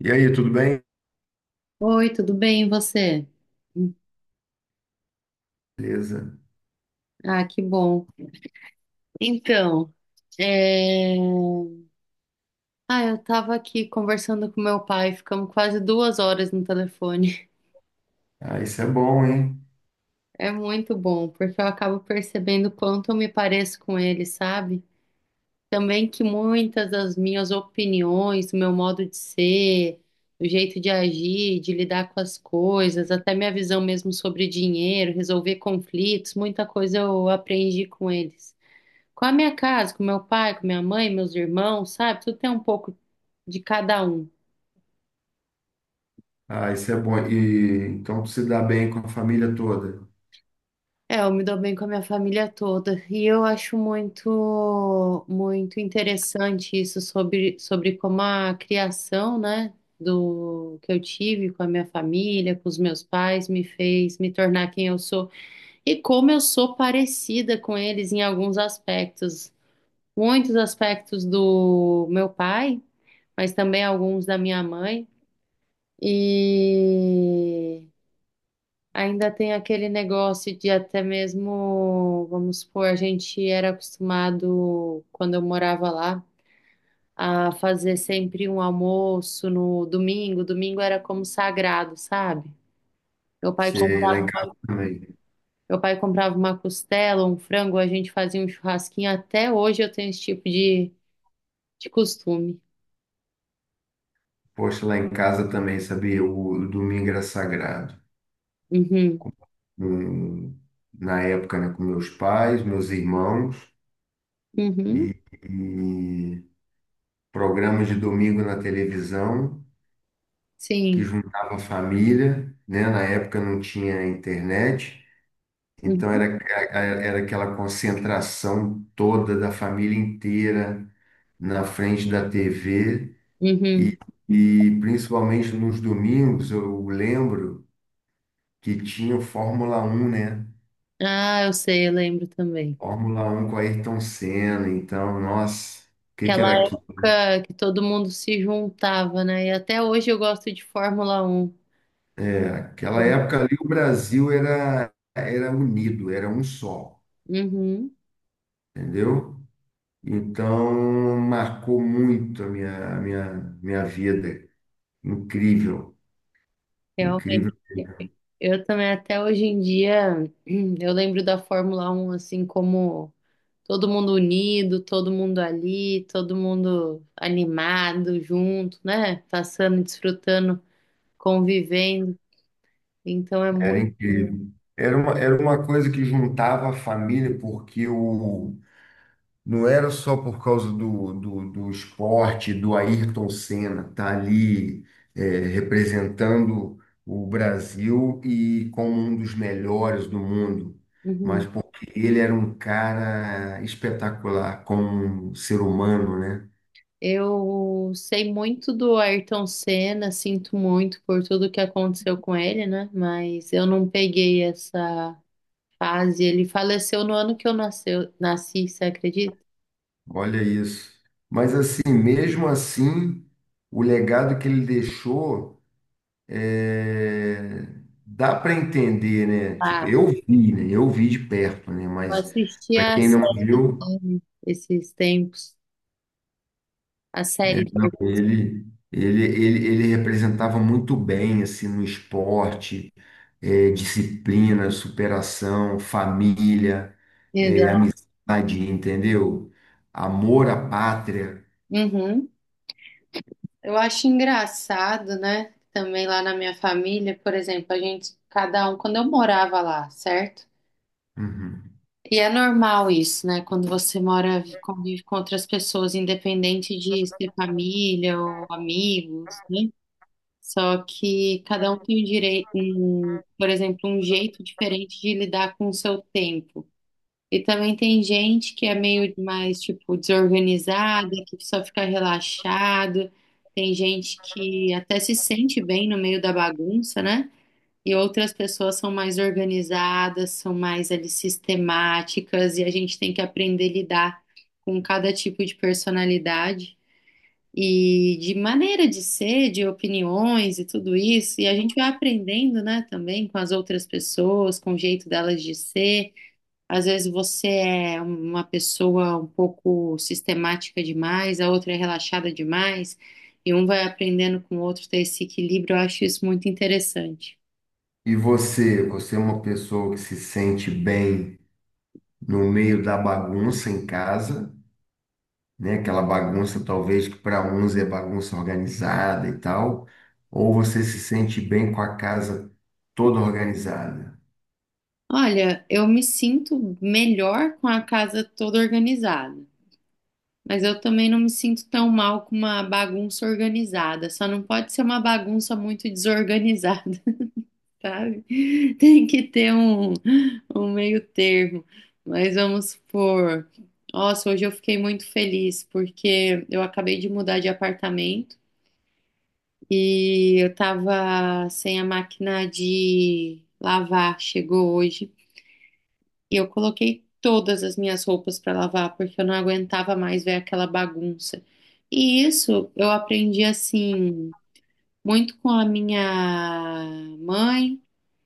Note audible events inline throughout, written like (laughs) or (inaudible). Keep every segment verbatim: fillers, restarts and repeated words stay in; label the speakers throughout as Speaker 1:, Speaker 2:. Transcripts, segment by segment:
Speaker 1: E aí, tudo bem?
Speaker 2: Oi, tudo bem, e você?
Speaker 1: Beleza.
Speaker 2: Ah, que bom. Então, é... ah, eu tava aqui conversando com meu pai, ficamos quase duas horas no telefone. (laughs)
Speaker 1: Ah, isso é bom, hein?
Speaker 2: É muito bom, porque eu acabo percebendo o quanto eu me pareço com ele, sabe? Também que muitas das minhas opiniões, o meu modo de ser, o jeito de agir, de lidar com as coisas, até minha visão mesmo sobre dinheiro, resolver conflitos, muita coisa eu aprendi com eles. Com a minha casa, com meu pai, com minha mãe, meus irmãos, sabe? Tudo tem um pouco de cada um.
Speaker 1: Ah, isso é bom. E então tu se dá bem com a família toda.
Speaker 2: É, eu me dou bem com a minha família toda e eu acho muito, muito interessante isso sobre, sobre como a criação, né, do que eu tive com a minha família, com os meus pais, me fez me tornar quem eu sou e como eu sou parecida com eles em alguns aspectos, muitos aspectos do meu pai, mas também alguns da minha mãe. E ainda tem aquele negócio de até mesmo, vamos supor, a gente era acostumado, quando eu morava lá, a fazer sempre um almoço no domingo. Domingo era como sagrado, sabe? Meu pai, comp-
Speaker 1: Você lá em casa também.
Speaker 2: Meu pai comprava uma costela, um frango, a gente fazia um churrasquinho. Até hoje eu tenho esse tipo de, de costume.
Speaker 1: Poxa, lá em casa também, sabia? O domingo era sagrado.
Speaker 2: Uhum.
Speaker 1: Hum, Na época, né, com meus pais, meus irmãos e,
Speaker 2: Uhum.
Speaker 1: e programas de domingo na televisão que
Speaker 2: Sim.
Speaker 1: juntava a família, né? Na época não tinha internet. Então
Speaker 2: Uhum.
Speaker 1: era, era aquela concentração toda da família inteira na frente da T V
Speaker 2: Uhum.
Speaker 1: e principalmente nos domingos eu lembro que tinha o Fórmula Um, né?
Speaker 2: Ah, eu sei, eu lembro também.
Speaker 1: Fórmula Um com Ayrton Senna, então, nossa, o que que
Speaker 2: Aquela
Speaker 1: era aquilo?
Speaker 2: época que todo mundo se juntava, né? E até hoje eu gosto de Fórmula Um.
Speaker 1: Aquela época ali o Brasil era era unido, era um só,
Speaker 2: Uhum,
Speaker 1: entendeu? Então marcou muito a minha, a minha, minha vida. Incrível, incrível.
Speaker 2: realmente. Eu também, até hoje em dia, (clears throat) eu lembro da Fórmula Um assim como todo mundo unido, todo mundo ali, todo mundo animado, junto, né? Passando, desfrutando, convivendo. Então é
Speaker 1: Era
Speaker 2: muito.
Speaker 1: incrível. Era uma, era uma coisa que juntava a família, porque o, não era só por causa do, do, do esporte, do Ayrton Senna estar ali, é, representando o Brasil e como um dos melhores do mundo, mas
Speaker 2: Uhum.
Speaker 1: porque ele era um cara espetacular como um ser humano, né?
Speaker 2: Eu sei muito do Ayrton Senna, sinto muito por tudo que aconteceu com ele, né? Mas eu não peguei essa fase. Ele faleceu no ano que eu nasceu, nasci, você acredita?
Speaker 1: Olha isso. Mas assim, mesmo assim, o legado que ele deixou. é, Dá para entender, né? Tipo,
Speaker 2: Ah,
Speaker 1: eu vi, né? Eu vi de perto, né?
Speaker 2: eu
Speaker 1: Mas
Speaker 2: assisti
Speaker 1: para
Speaker 2: a
Speaker 1: quem não
Speaker 2: série
Speaker 1: viu,
Speaker 2: dele esses tempos. A
Speaker 1: é,
Speaker 2: série do
Speaker 1: não,
Speaker 2: Ayrton.
Speaker 1: ele, ele, ele, ele representava muito bem assim no esporte, é, disciplina, superação, família, é, amizade, entendeu? Amor à pátria.
Speaker 2: Uhum. Eu acho engraçado, né? Também lá na minha família, por exemplo, a gente, cada um, quando eu morava lá, certo?
Speaker 1: Uhum.
Speaker 2: E é normal isso, né? Quando você mora, convive com outras pessoas, independente de ser família ou amigos, né? Só que cada um tem o direito, um, por exemplo, um jeito diferente de lidar com o seu tempo. E também tem gente que é meio mais, tipo, desorganizada, que só fica relaxado. Tem gente que até se sente bem no meio da bagunça, né? E outras pessoas são mais organizadas, são mais ali sistemáticas, e a gente tem que aprender a lidar com cada tipo de personalidade e de maneira de ser, de opiniões e tudo isso. E a gente vai aprendendo, né, também com as outras pessoas, com o jeito delas de ser. Às vezes você é uma pessoa um pouco sistemática demais, a outra é relaxada demais, e um vai aprendendo com o outro ter esse equilíbrio. Eu acho isso muito interessante.
Speaker 1: E você, você é uma pessoa que se sente bem no meio da bagunça em casa? Né? Aquela bagunça, talvez, que para uns é bagunça organizada e tal, ou você se sente bem com a casa toda organizada?
Speaker 2: Olha, eu me sinto melhor com a casa toda organizada, mas eu também não me sinto tão mal com uma bagunça organizada. Só não pode ser uma bagunça muito desorganizada, (laughs) sabe? Tem que ter um, um meio termo. Mas vamos supor, nossa, hoje eu fiquei muito feliz porque eu acabei de mudar de apartamento e eu tava sem a máquina de lavar, chegou hoje. E eu coloquei todas as minhas roupas para lavar, porque eu não aguentava mais ver aquela bagunça. E isso eu aprendi assim, muito com a minha mãe,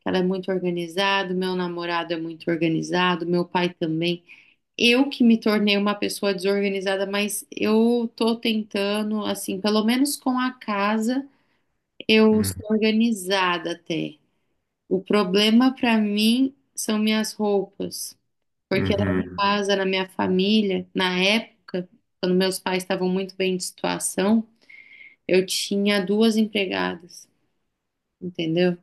Speaker 2: que ela é muito organizada, meu namorado é muito organizado, meu pai também. Eu que me tornei uma pessoa desorganizada, mas eu tô tentando, assim, pelo menos com a casa, eu
Speaker 1: Hum.
Speaker 2: sou organizada até. O problema para mim são minhas roupas. Porque lá em
Speaker 1: Uhum.
Speaker 2: casa, na minha família, na época, quando meus pais estavam muito bem de situação, eu tinha duas empregadas, entendeu?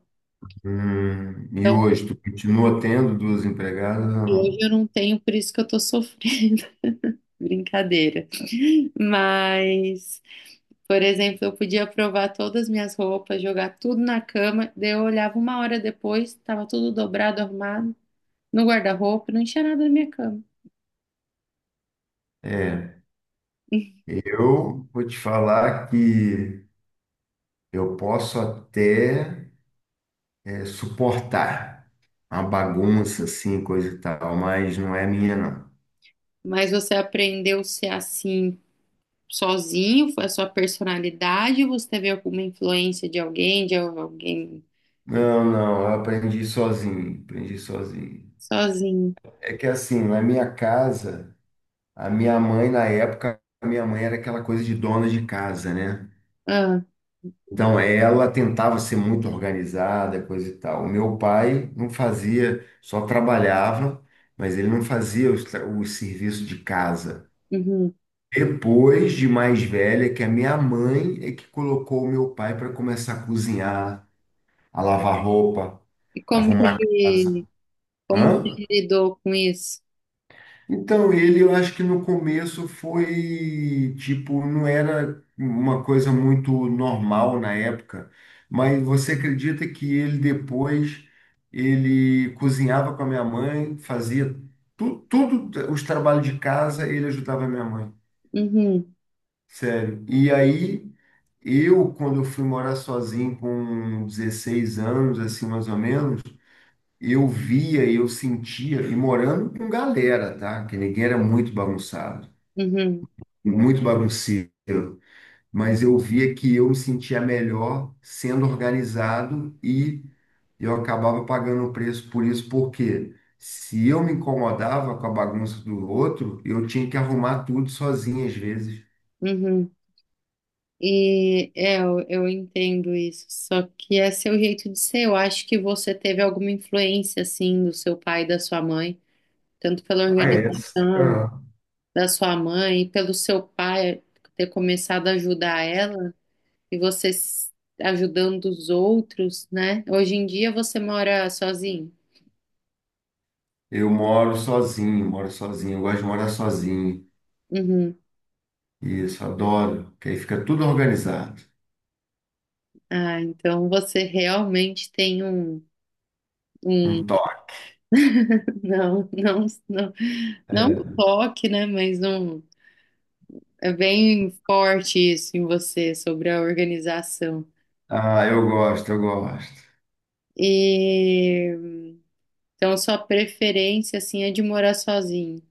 Speaker 1: Hum. E
Speaker 2: Então,
Speaker 1: hoje, tu continua tendo duas empregadas ou
Speaker 2: hoje
Speaker 1: não?
Speaker 2: eu não tenho, por isso que eu tô sofrendo. (laughs) Brincadeira. Mas, por exemplo, eu podia provar todas as minhas roupas, jogar tudo na cama, daí eu olhava uma hora depois, tava tudo dobrado, arrumado, no guarda-roupa, não tinha nada na minha cama.
Speaker 1: É, eu vou te falar que eu posso até é, suportar uma bagunça assim, coisa e tal, mas não é minha, não.
Speaker 2: Mas você aprendeu a ser assim sozinho, foi a sua personalidade, ou você teve alguma influência de alguém, de alguém
Speaker 1: Não, não, eu aprendi sozinho, aprendi sozinho.
Speaker 2: sozinho?
Speaker 1: É que assim, na minha casa, a minha mãe, na época, a minha mãe era aquela coisa de dona de casa, né?
Speaker 2: Ah,
Speaker 1: Então ela tentava ser muito organizada, coisa e tal. O meu pai não fazia, só trabalhava, mas ele não fazia os, tra- o serviço de casa.
Speaker 2: uhum.
Speaker 1: Depois de mais velha, que a minha mãe é que colocou o meu pai para começar a cozinhar, a lavar roupa,
Speaker 2: E como que
Speaker 1: arrumar a casa.
Speaker 2: ele, como que
Speaker 1: Hã?
Speaker 2: ele lidou com isso?
Speaker 1: Então, ele eu acho que no começo foi tipo, não era uma coisa muito normal na época, mas você acredita que ele depois ele cozinhava com a minha mãe, fazia tu, tudo os trabalhos de casa, ele ajudava a minha mãe.
Speaker 2: Uhum,
Speaker 1: Sério. E aí eu, quando eu fui morar sozinho com dezesseis anos, assim mais ou menos, eu via e eu sentia, e morando com galera, tá? Que ninguém era muito bagunçado,
Speaker 2: uhum,
Speaker 1: muito bagunceiro, mas eu via que eu me sentia melhor sendo organizado e eu acabava pagando o preço por isso, porque se eu me incomodava com a bagunça do outro, eu tinha que arrumar tudo sozinho às vezes.
Speaker 2: uhum. E é, eu, eu entendo isso, só que é seu jeito de ser. Eu acho que você teve alguma influência, assim, do seu pai e da sua mãe, tanto pela
Speaker 1: Ah, é.
Speaker 2: organização
Speaker 1: Ah,
Speaker 2: da sua mãe, pelo seu pai ter começado a ajudar ela. e você s- Ajudando os outros, né? Hoje em dia você mora sozinho?
Speaker 1: eu moro sozinho, moro sozinho, eu gosto de morar sozinho.
Speaker 2: Uhum.
Speaker 1: Isso, adoro, que aí fica tudo organizado.
Speaker 2: Ah, então você realmente tem um, um...
Speaker 1: Um toque.
Speaker 2: (laughs) Não, não, não, não um toque, né? Mas um é bem forte isso em você sobre a organização.
Speaker 1: Ah, eu gosto, eu gosto.
Speaker 2: E então sua preferência assim é de morar sozinho.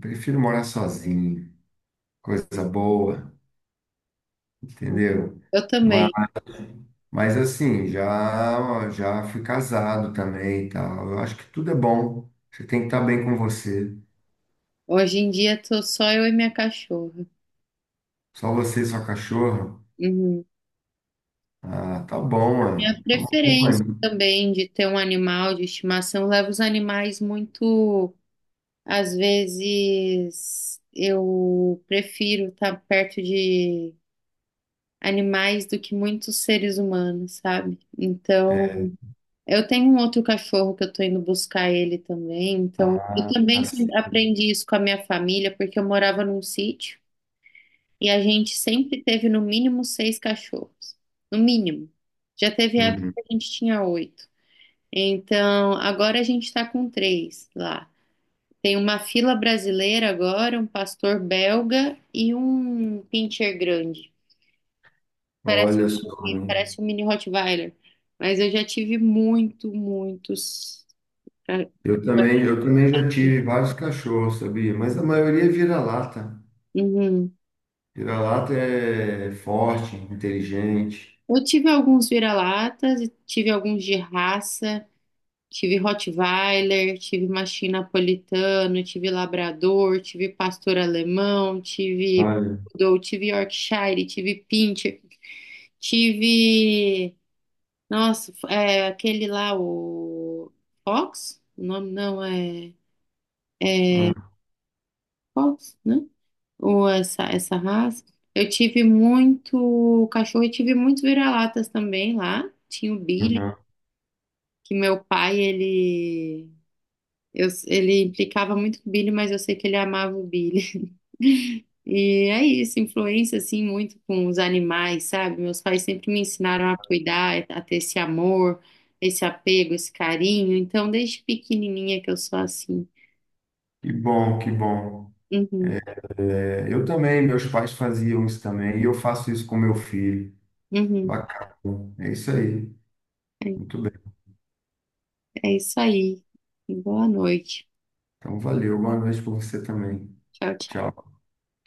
Speaker 1: Prefiro morar sozinho. Coisa boa. Entendeu?
Speaker 2: Eu
Speaker 1: Mas,
Speaker 2: também.
Speaker 1: mas assim, já já fui casado também e tal. Eu acho que tudo é bom. Você tem que estar bem com você.
Speaker 2: Hoje em dia tô só eu e minha cachorra.
Speaker 1: Só você e sua cachorra.
Speaker 2: Uhum.
Speaker 1: Ah, tá bom, mano.
Speaker 2: Minha
Speaker 1: Tá uma
Speaker 2: preferência
Speaker 1: companhia.
Speaker 2: também de ter um animal de estimação leva os animais muito. Às vezes eu prefiro estar perto de animais do que muitos seres humanos, sabe? Então, eu tenho um outro cachorro que eu tô indo buscar ele também. Então, eu
Speaker 1: Ah, tá
Speaker 2: também
Speaker 1: tá
Speaker 2: sempre
Speaker 1: certo.
Speaker 2: aprendi isso com a minha família, porque eu morava num sítio e a gente sempre teve no mínimo seis cachorros. No mínimo. Já teve época
Speaker 1: Uhum.
Speaker 2: que a gente tinha oito. Então, agora a gente está com três lá. Tem uma fila brasileira agora, um pastor belga e um pincher grande. Parece,
Speaker 1: Olha só, hein?
Speaker 2: parece um mini Rottweiler, mas eu já tive muito, muitos. Ah.
Speaker 1: Eu também, eu também já tive vários cachorros, sabia? Mas a maioria é vira-lata.
Speaker 2: Uhum.
Speaker 1: Vira-lata é forte, inteligente.
Speaker 2: Eu tive alguns vira-latas, e tive alguns de raça. Tive Rottweiler, tive mastim napolitano, tive labrador, tive pastor alemão, tive
Speaker 1: Olha.
Speaker 2: poodle, tive Yorkshire, tive pincher, tive, nossa, é, aquele lá o Fox? O nome não é, é
Speaker 1: Ah.
Speaker 2: Fox, né? Ou essa essa raça. Eu tive muito cachorro e tive muitos vira-latas também lá. Tinha o Billy,
Speaker 1: Uhum.
Speaker 2: que meu pai ele... Eu- ele implicava muito com o Billy, mas eu sei que ele amava o Billy. (laughs) E é isso, influência assim muito com os animais, sabe? Meus pais sempre me ensinaram a cuidar, a ter esse amor, esse apego, esse carinho. Então, desde pequenininha que eu sou assim.
Speaker 1: Que bom, que bom.
Speaker 2: Uhum,
Speaker 1: É, eu também, meus pais faziam isso também, e eu faço isso com meu filho.
Speaker 2: uhum.
Speaker 1: Bacana. É isso aí.
Speaker 2: É,
Speaker 1: Muito bem.
Speaker 2: é isso aí. Boa noite.
Speaker 1: Então, valeu. Boa noite para você também.
Speaker 2: Tchau, tchau.
Speaker 1: Tchau.